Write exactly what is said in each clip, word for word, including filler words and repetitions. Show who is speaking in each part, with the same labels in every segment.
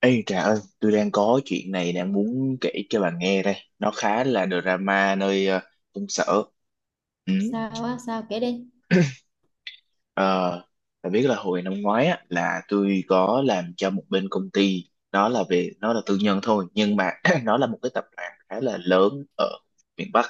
Speaker 1: Ê Trà ơi, tôi đang có chuyện này đang muốn kể cho bà nghe đây. Nó khá là drama nơi ờ, công sở. Ừ.
Speaker 2: Sao á? Sao, kể đi.
Speaker 1: Ờ, Bạn biết là hồi năm ngoái á, là tôi có làm cho một bên công ty nó là về nó là tư nhân thôi, nhưng mà nó là một cái tập đoàn khá là lớn ở miền Bắc.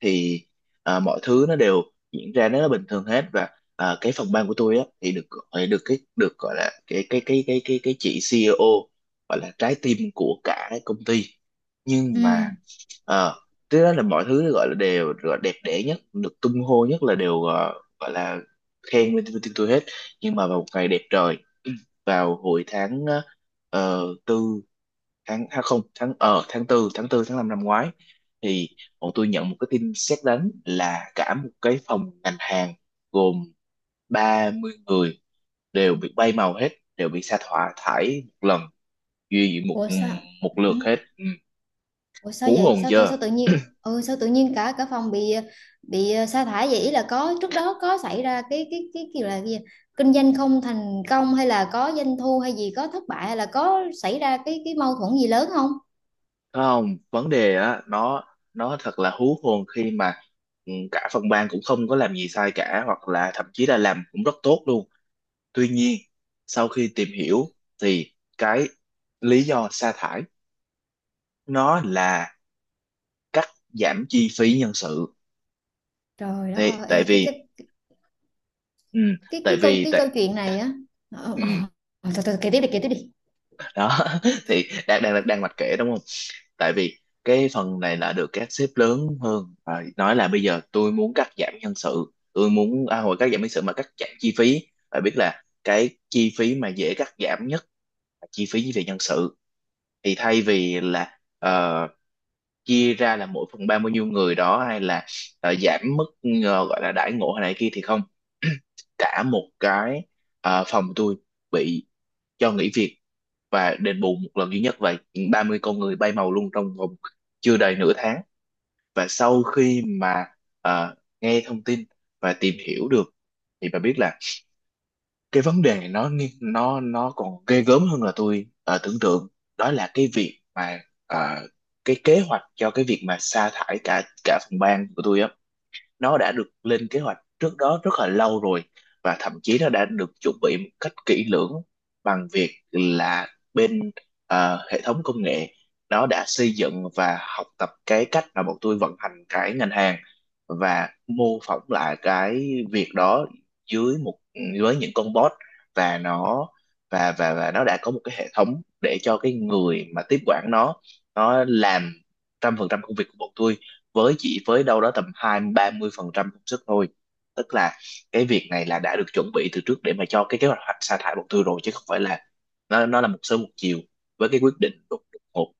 Speaker 1: Thì à, mọi thứ nó đều diễn ra nó bình thường hết. Và à, cái phòng ban của tôi á, thì được gọi- được cái được gọi là cái cái cái cái cái cái chị xê i ô gọi là trái tim của cả công ty. Nhưng
Speaker 2: Ừ.
Speaker 1: mà ờ cái đó là mọi thứ gọi là đều gọi là đẹp đẽ nhất, được tung hô nhất, là đều ờ, gọi là khen lên tin tôi hết. Nhưng mà vào một ngày đẹp trời, vào hồi tháng ờ, ờ, tư, tháng à không, tháng ờ tháng tư, tháng tư tháng năm năm ngoái, thì bọn tôi nhận một cái tin sét đánh là cả một cái phòng ngành hàng gồm ba mươi người đều bị bay màu hết, đều bị sa thải thải một lần, duy một
Speaker 2: Ủa sao?
Speaker 1: một
Speaker 2: Hử?
Speaker 1: lượt hết. Ừ.
Speaker 2: Ủa sao
Speaker 1: Hú
Speaker 2: vậy?
Speaker 1: hồn
Speaker 2: Sao sao, sao
Speaker 1: chưa.
Speaker 2: tự nhiên, ừ, sao tự nhiên cả cả phòng bị bị ờ, sa thải vậy? Ý là có trước đó có xảy ra cái cái cái kiểu là cái gì, kinh doanh không thành công, hay là có doanh thu hay gì, có thất bại, hay là có xảy ra cái cái mâu thuẫn gì lớn không?
Speaker 1: Không vấn đề á, nó nó thật là hú hồn khi mà, ừ, cả phòng ban cũng không có làm gì sai cả, hoặc là thậm chí là làm cũng rất tốt luôn. Tuy nhiên, sau khi tìm hiểu thì cái lý do sa thải nó là cắt giảm chi phí nhân sự.
Speaker 2: Trời đất
Speaker 1: Thì
Speaker 2: ơi,
Speaker 1: tại
Speaker 2: ê, cái
Speaker 1: vì,
Speaker 2: cái
Speaker 1: ừ,
Speaker 2: cái
Speaker 1: tại
Speaker 2: cái câu
Speaker 1: vì
Speaker 2: cái
Speaker 1: tại
Speaker 2: câu chuyện này á. Ờ, ờ,
Speaker 1: ừ.
Speaker 2: ờ, thôi thôi kể tiếp đi kể tiếp đi
Speaker 1: Đó, thì đang đang đang mạch kể đúng không. Tại vì cái phần này là được các sếp lớn hơn và nói là bây giờ tôi muốn cắt giảm nhân sự, tôi muốn à, hồi cắt giảm nhân sự mà cắt giảm chi phí. Phải biết là cái chi phí mà dễ cắt giảm nhất là chi phí về nhân sự. Thì thay vì là ờ, chia ra là mỗi phần ba bao nhiêu người đó, hay là ờ, giảm mức ờ, gọi là đãi ngộ hay này kia, thì không, cả một cái ờ, phòng tôi bị cho nghỉ việc và đền bù một lần duy nhất vậy. Ba mươi con người bay màu luôn trong vòng chưa đầy nửa tháng. Và sau khi mà, à, nghe thông tin và tìm hiểu được, thì bà biết là cái vấn đề này nó nghi- nó nó còn ghê gớm hơn là tôi à, tưởng tượng. Đó là cái việc mà, à, cái kế hoạch cho cái việc mà sa thải cả cả phòng ban của tôi á, nó đã được lên kế hoạch trước đó rất là lâu rồi, và thậm chí nó đã được chuẩn bị một cách kỹ lưỡng, bằng việc là bên ờ, hệ thống công nghệ nó đã xây dựng và học tập cái cách mà bọn tôi vận hành cái ngành hàng, và mô phỏng lại cái việc đó dưới một, dưới những con bot. Và nó và và và nó đã có một cái hệ thống để cho cái người mà tiếp quản nó nó làm trăm phần trăm công việc của bọn tôi với chỉ với đâu đó tầm hai mươi ba mươi phần trăm công sức thôi. Tức là cái việc này là đã được chuẩn bị từ trước để mà cho cái kế hoạch sa thải bộ tư rồi, chứ không phải là nó nó là một sớm một chiều với cái quyết định đột đột ngột.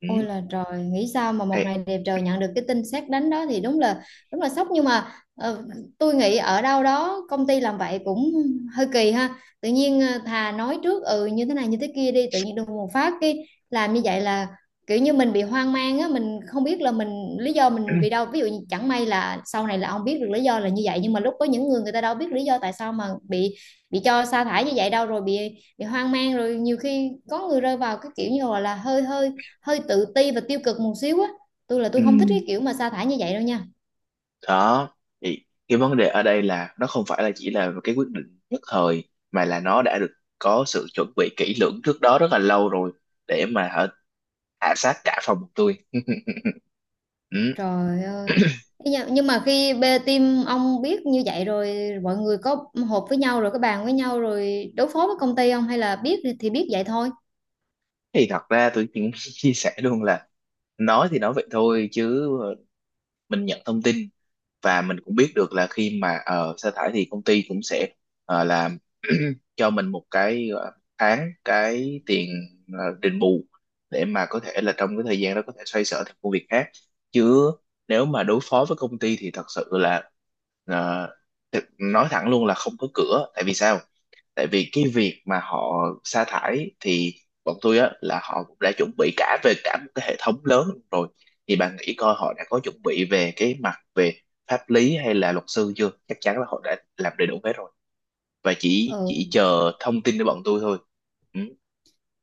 Speaker 1: Ừ.
Speaker 2: Ôi là trời, nghĩ sao mà một
Speaker 1: Thì,
Speaker 2: ngày đẹp trời nhận được cái tin sét đánh đó thì đúng là đúng là sốc, nhưng mà ờ, tôi nghĩ ở đâu đó công ty làm vậy cũng hơi kỳ ha. Tự nhiên ờ, thà nói trước, ừ, như thế này như thế kia đi, tự nhiên đùng một phát cái, làm như vậy là kiểu như mình bị hoang mang á, mình không biết là mình, lý do mình vì đâu. Ví dụ như chẳng may là sau này là ông biết được lý do là như vậy, nhưng mà lúc có những người người ta đâu biết lý do tại sao mà bị bị cho sa thải như vậy đâu, rồi bị bị hoang mang, rồi nhiều khi có người rơi vào cái kiểu như gọi là hơi hơi hơi tự ti và tiêu cực một xíu á. Tôi là
Speaker 1: ừ.
Speaker 2: tôi không thích cái kiểu mà sa thải như vậy đâu nha.
Speaker 1: Đó, thì cái vấn đề ở đây là nó không phải là chỉ là cái quyết định nhất thời, mà là nó đã được có sự chuẩn bị kỹ lưỡng trước đó rất là lâu rồi, để mà hả, hạ sát cả phòng tôi. Ừ.
Speaker 2: Trời ơi. Thế nha- nhưng mà khi bê team ông biết như vậy rồi, mọi người có họp với nhau rồi có bàn với nhau rồi đối phó với công ty không, hay là biết thì thì biết vậy thôi?
Speaker 1: Thì thật ra tôi cũng chia sẻ luôn là, nói thì nói vậy thôi chứ, mình nhận thông tin và mình cũng biết được là khi mà ờ, sa thải thì công ty cũng sẽ ờ, làm cho mình một cái ờ, tháng cái tiền ờ, đền bù, để mà có thể là trong cái thời gian đó có thể xoay sở thêm công việc khác. Chứ nếu mà đối phó với công ty thì thật sự là, ờ, thực- nói thẳng luôn là không có cửa. Tại vì sao? Tại vì cái việc mà họ sa thải thì bọn tôi á là họ cũng đã chuẩn bị cả về cả một cái hệ thống lớn rồi. Thì bạn nghĩ coi, họ đã có chuẩn bị về cái mặt về pháp lý hay là luật sư chưa? Chắc chắn là họ đã làm đầy đủ hết rồi, và chỉ chỉ
Speaker 2: Ừ.
Speaker 1: chờ thông tin của bọn tôi thôi. Ừ.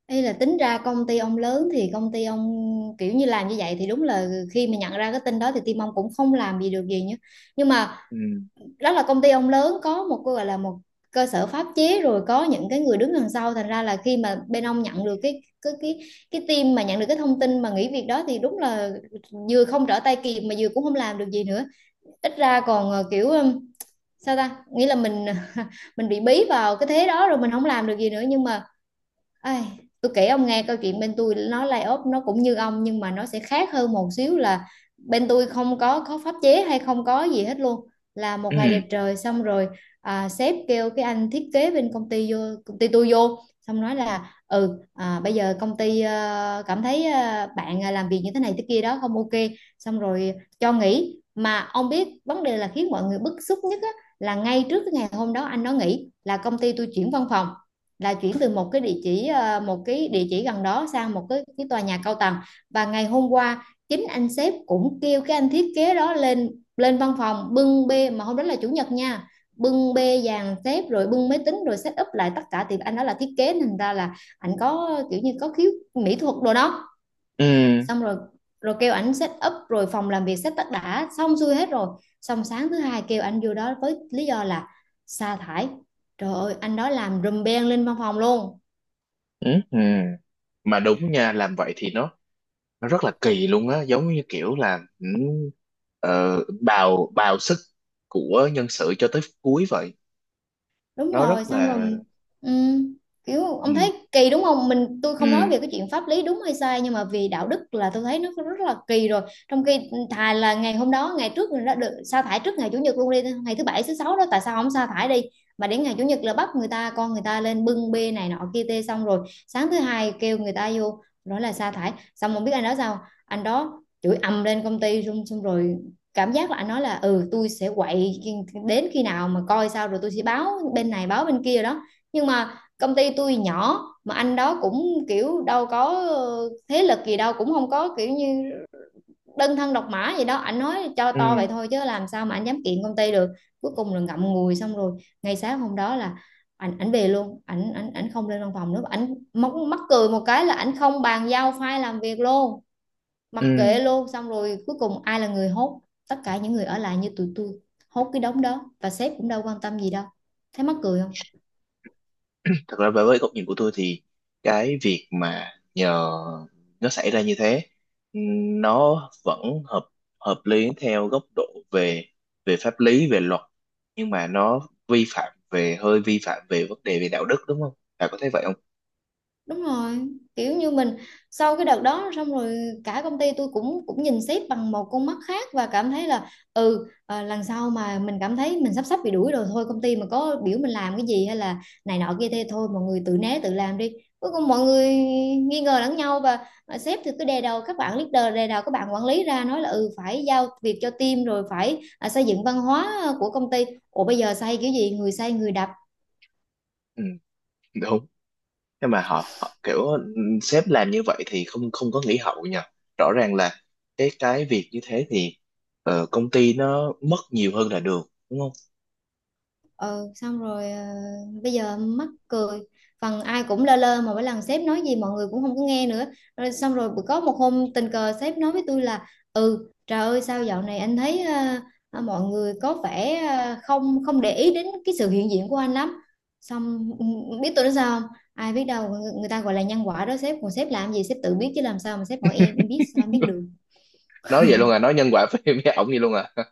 Speaker 2: Ý là tính ra công ty ông lớn thì công ty ông kiểu như làm như vậy thì đúng là khi mà nhận ra cái tin đó thì team ông cũng không làm gì được gì nhá, nhưng mà
Speaker 1: Ừ.
Speaker 2: đó là công ty ông lớn có một cái gọi là một cơ sở pháp chế, rồi có những cái người đứng đằng sau, thành ra là khi mà bên ông nhận được cái cái cái cái team mà nhận được cái thông tin mà nghỉ việc đó thì đúng là vừa không trở tay kịp mà vừa cũng không làm được gì nữa. Ít ra còn ờ, kiểu sao ta, nghĩa là mình mình bị bí vào cái thế đó rồi mình không làm được gì nữa, nhưng mà. Ai, tôi kể ông nghe câu chuyện bên tôi nó layoff nó cũng như ông nhưng mà nó sẽ khác hơn một xíu là bên tôi không có có pháp chế hay không có gì hết luôn. Là một ngày
Speaker 1: Ừ.
Speaker 2: đẹp trời xong rồi, à, sếp kêu cái anh thiết kế bên công ty vô, công ty tôi vô, xong nói là ừ, à, bây giờ công ty ờ, cảm thấy ờ, bạn à, làm việc như thế này thế kia đó không ok, xong rồi cho nghỉ. Mà ông biết vấn đề là khiến mọi người bức xúc nhất á, là ngay trước cái ngày hôm đó anh nó nghỉ là công ty tôi chuyển văn phòng, là chuyển từ một cái địa chỉ ờ, một cái địa chỉ gần đó sang một cái, cái tòa nhà cao tầng. Và ngày hôm qua chính anh sếp cũng kêu cái anh thiết kế đó lên lên văn phòng bưng bê, mà hôm đó là chủ nhật nha. Bưng bê dàn xếp rồi bưng máy tính rồi set up lại tất cả, thì anh đó là thiết kế nên ra là anh có kiểu như có khiếu mỹ thuật đồ đó.
Speaker 1: Ừ.
Speaker 2: Xong rồi rồi kêu ảnh set up rồi phòng làm việc set tất đã xong xuôi hết rồi. Xong sáng thứ hai kêu anh vô đó với lý do là sa thải. Trời ơi, anh đó làm rùm beng lên văn phòng luôn.
Speaker 1: Ừ. Ừ. Mà đúng nha, làm vậy thì nó nó rất là kỳ luôn á, giống như kiểu là ừ, ờ, bào bào sức của nhân sự cho tới cuối vậy.
Speaker 2: Đúng
Speaker 1: Nó
Speaker 2: rồi.
Speaker 1: rất
Speaker 2: Xong
Speaker 1: là,
Speaker 2: rồi. ừm, Kiểu
Speaker 1: ừ,
Speaker 2: ông thấy kỳ đúng không, mình tôi không nói
Speaker 1: ừ
Speaker 2: về cái chuyện pháp lý đúng hay sai nhưng mà vì đạo đức là tôi thấy nó rất là kỳ rồi. Trong khi thà là ngày hôm đó ngày trước mình đã được sa thải trước ngày chủ nhật luôn đi, ngày thứ bảy thứ sáu đó tại sao không sa thải đi, mà đến ngày chủ nhật là bắt người ta, con người ta lên bưng bê này nọ kia tê, xong rồi sáng thứ hai kêu người ta vô nói là sa thải. Xong không biết anh đó sao, anh đó chửi ầm lên công ty xong xong rồi. Cảm giác là anh nói là ừ tôi sẽ quậy đến khi nào mà coi sao, rồi tôi sẽ báo bên này báo bên kia đó. Nhưng mà công ty tôi nhỏ mà anh đó cũng kiểu đâu có ờ, thế lực gì đâu, cũng không có kiểu như đơn thân độc mã gì đó, anh nói cho
Speaker 1: ừ
Speaker 2: to vậy thôi chứ làm sao mà anh dám kiện công ty được. Cuối cùng là ngậm ngùi xong rồi, ngay sáng hôm đó là ảnh ảnh về luôn, ảnh ảnh ảnh không lên văn phòng nữa. Ảnh mắc mắc cười một cái là ảnh không bàn giao file làm việc luôn, mặc
Speaker 1: ừ
Speaker 2: kệ luôn. Xong rồi cuối cùng ai là người hốt, tất cả những người ở lại như tụi tôi hốt cái đống đó, và sếp cũng đâu quan tâm gì đâu. Thấy mắc cười không?
Speaker 1: thật ra với với góc nhìn của tôi thì cái việc mà nhờ nó xảy ra như thế, nó vẫn hợp, hợp lý theo góc độ về, về pháp lý về luật, nhưng mà nó vi phạm về, hơi vi phạm về vấn đề về đạo đức, đúng không, bà có thấy vậy không.
Speaker 2: Đúng rồi, kiểu như mình, sau cái đợt đó xong rồi cả công ty tôi cũng cũng nhìn sếp bằng một con mắt khác, và cảm thấy là ừ, ờ, lần sau mà mình cảm thấy mình sắp sắp bị đuổi rồi, thôi công ty mà có biểu mình làm cái gì hay là này nọ kia thế thôi, mọi người tự né tự làm đi. Cuối cùng mọi người nghi ngờ lẫn nhau, và ờ, sếp thì cứ đè đầu các bạn leader, đè đầu các bạn quản lý ra nói là ừ phải giao việc cho team rồi phải, à, xây dựng văn hóa của công ty. Ủa bây giờ xây kiểu gì, người xây người đập.
Speaker 1: Ừ, đúng. Nhưng mà họ, họ kiểu ừm, sếp làm như vậy thì không, không có nghỉ hậu nha. Rõ ràng là cái cái việc như thế thì ờ, công ty nó mất nhiều hơn là được, đúng không.
Speaker 2: Ừ. Xong rồi ờ, bây giờ mắc cười, phần ai cũng lơ lơ mà mỗi lần sếp nói gì mọi người cũng không có nghe nữa rồi. Xong rồi bữa- có một hôm tình cờ sếp nói với tôi là ừ, trời ơi sao dạo này anh thấy ờ, ờ, mọi người có vẻ ờ, không không để ý đến cái sự hiện diện của anh lắm. Xong ừ, biết tôi nói sao không? Ai biết đâu, người, người ta gọi là nhân quả đó. Sếp còn sếp làm gì sếp tự biết, chứ làm sao mà sếp hỏi em em biết sao em biết được.
Speaker 1: Nói vậy luôn à, nói nhân quả với với ổng vậy luôn à.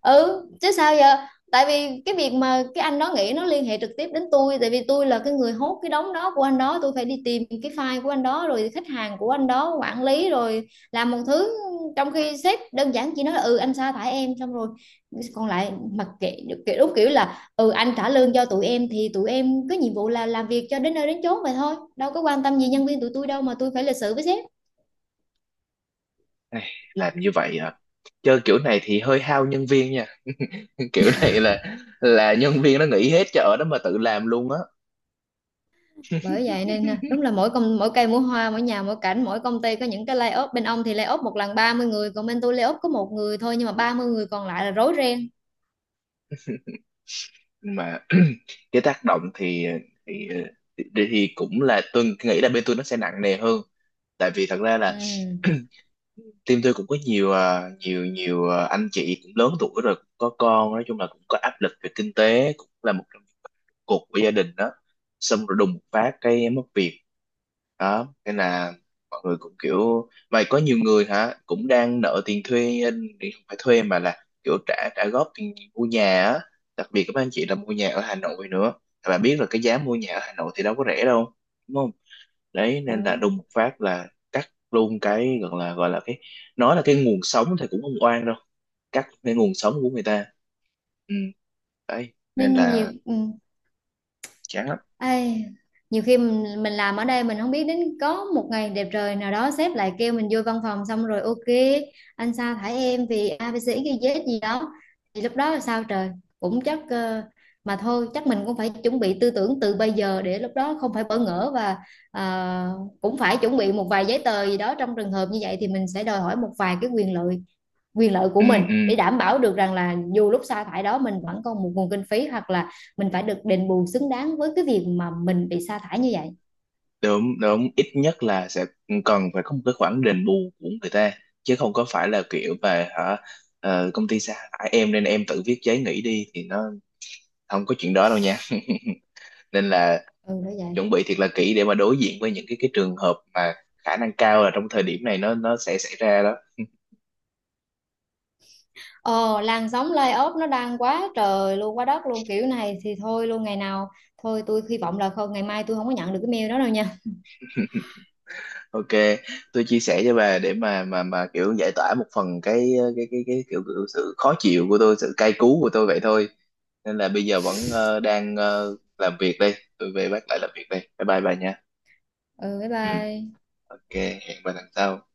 Speaker 2: Ừ chứ sao giờ. Tại vì cái việc mà cái anh đó nghĩ nó liên hệ trực tiếp đến tôi, tại vì tôi là cái người hốt cái đống đó của anh đó, tôi phải đi tìm cái file của anh đó rồi khách hàng của anh đó quản lý rồi làm một thứ. Trong khi sếp đơn giản chỉ nói là ừ anh sa thải em xong rồi, còn lại mặc kệ. Kiểu đúng kiểu là ừ anh trả lương cho tụi em thì tụi em có nhiệm vụ là làm việc cho đến nơi đến chốn vậy thôi, đâu có quan tâm gì nhân viên tụi tôi đâu mà tôi phải lịch sự với sếp.
Speaker 1: Ai, làm như vậy à, chơi kiểu này thì hơi hao nhân viên nha. Kiểu này là là nhân viên nó nghỉ hết chợ đó mà tự làm luôn á.
Speaker 2: Bởi vậy nên nè, đúng là mỗi công mỗi cây mỗi hoa mỗi nhà mỗi cảnh, mỗi công ty có những cái lay layoff bên ông thì lay layoff một lần ba mươi người, còn bên tôi lay layoff có một người thôi nhưng mà ba mươi người còn lại là rối ren.
Speaker 1: Mà cái tác động thì thì, ờ, thì thì cũng là tôi nghĩ là bên tôi nó sẽ nặng nề hơn. Tại vì thật ra là,
Speaker 2: Ừ.
Speaker 1: team tôi cũng có nhiều, à, nhiều nhiều à, anh chị cũng lớn tuổi rồi, cũng có con, nói chung là cũng có áp lực về kinh tế, cũng là một trong những cột của gia đình đó. Xong rồi đùng một phát cái em mất việc. Đó nên là mọi người cũng kiểu mà có nhiều người hả cũng đang nợ tiền thuê, thì không phải thuê mà là kiểu trả trả góp tiền mua nhà á. Đặc biệt các anh chị là mua nhà ở Hà Nội nữa. Và bạn biết là cái giá mua nhà ở Hà Nội thì đâu có rẻ đâu, đúng. Đấy nên là
Speaker 2: Bởi.
Speaker 1: đùng một phát là cắt luôn cái gọi là gọi là cái, nói là cái nguồn sống thì cũng không oan đâu, cắt cái nguồn sống của người ta. Ừ, đấy nên
Speaker 2: Nên nhiều.
Speaker 1: là
Speaker 2: Ừ.
Speaker 1: chán lắm.
Speaker 2: Ai, nhiều khi mình, mình làm ở đây mình không biết đến có một ngày đẹp trời nào đó sếp lại kêu mình vô văn phòng, xong rồi, ok, anh sa thải em vì a ABC ghi Z gì đó. Thì lúc đó là sao trời, cũng chắc ờ, mà thôi chắc mình cũng phải chuẩn bị tư tưởng từ bây giờ để lúc đó không phải bỡ ngỡ, và ờ, cũng phải chuẩn bị một vài giấy tờ gì đó. Trong trường hợp như vậy thì mình sẽ đòi hỏi một vài cái quyền lợi quyền lợi của
Speaker 1: Ừ,
Speaker 2: mình
Speaker 1: ừ,
Speaker 2: để đảm bảo được rằng là dù lúc sa thải đó mình vẫn còn một nguồn kinh phí hoặc là mình phải được đền bù xứng đáng với cái việc mà mình bị sa thải như vậy.
Speaker 1: đúng đúng. Ít nhất là sẽ cần phải có một cái khoản đền bù của người ta, chứ không có phải là kiểu về hả, ờ, công ty sa thải em nên em tự viết giấy nghỉ đi, thì nó không có chuyện đó đâu nha. Nên là
Speaker 2: Ừ đó vậy.
Speaker 1: chuẩn bị thiệt là kỹ để mà đối diện với những cái cái trường hợp mà khả năng cao là trong thời điểm này nó nó sẽ xảy ra đó.
Speaker 2: ờ Làn sóng layoff nó đang quá trời luôn quá đất luôn, kiểu này thì thôi luôn ngày nào. Thôi tôi hy vọng là không, ngày mai tôi không có nhận được cái mail đó đâu nha.
Speaker 1: Ok, tôi chia sẻ cho bà để mà mà mà kiểu giải tỏa một phần cái cái cái cái kiểu, kiểu sự khó chịu của tôi, sự cay cú của tôi vậy thôi. Nên là bây giờ vẫn ờ, đang ờ, làm việc đây, tôi về bắt lại làm việc đây, bye bye bà nha.
Speaker 2: Ừ bye
Speaker 1: Ừ.
Speaker 2: bye.
Speaker 1: Ok. Hẹn bà lần sau.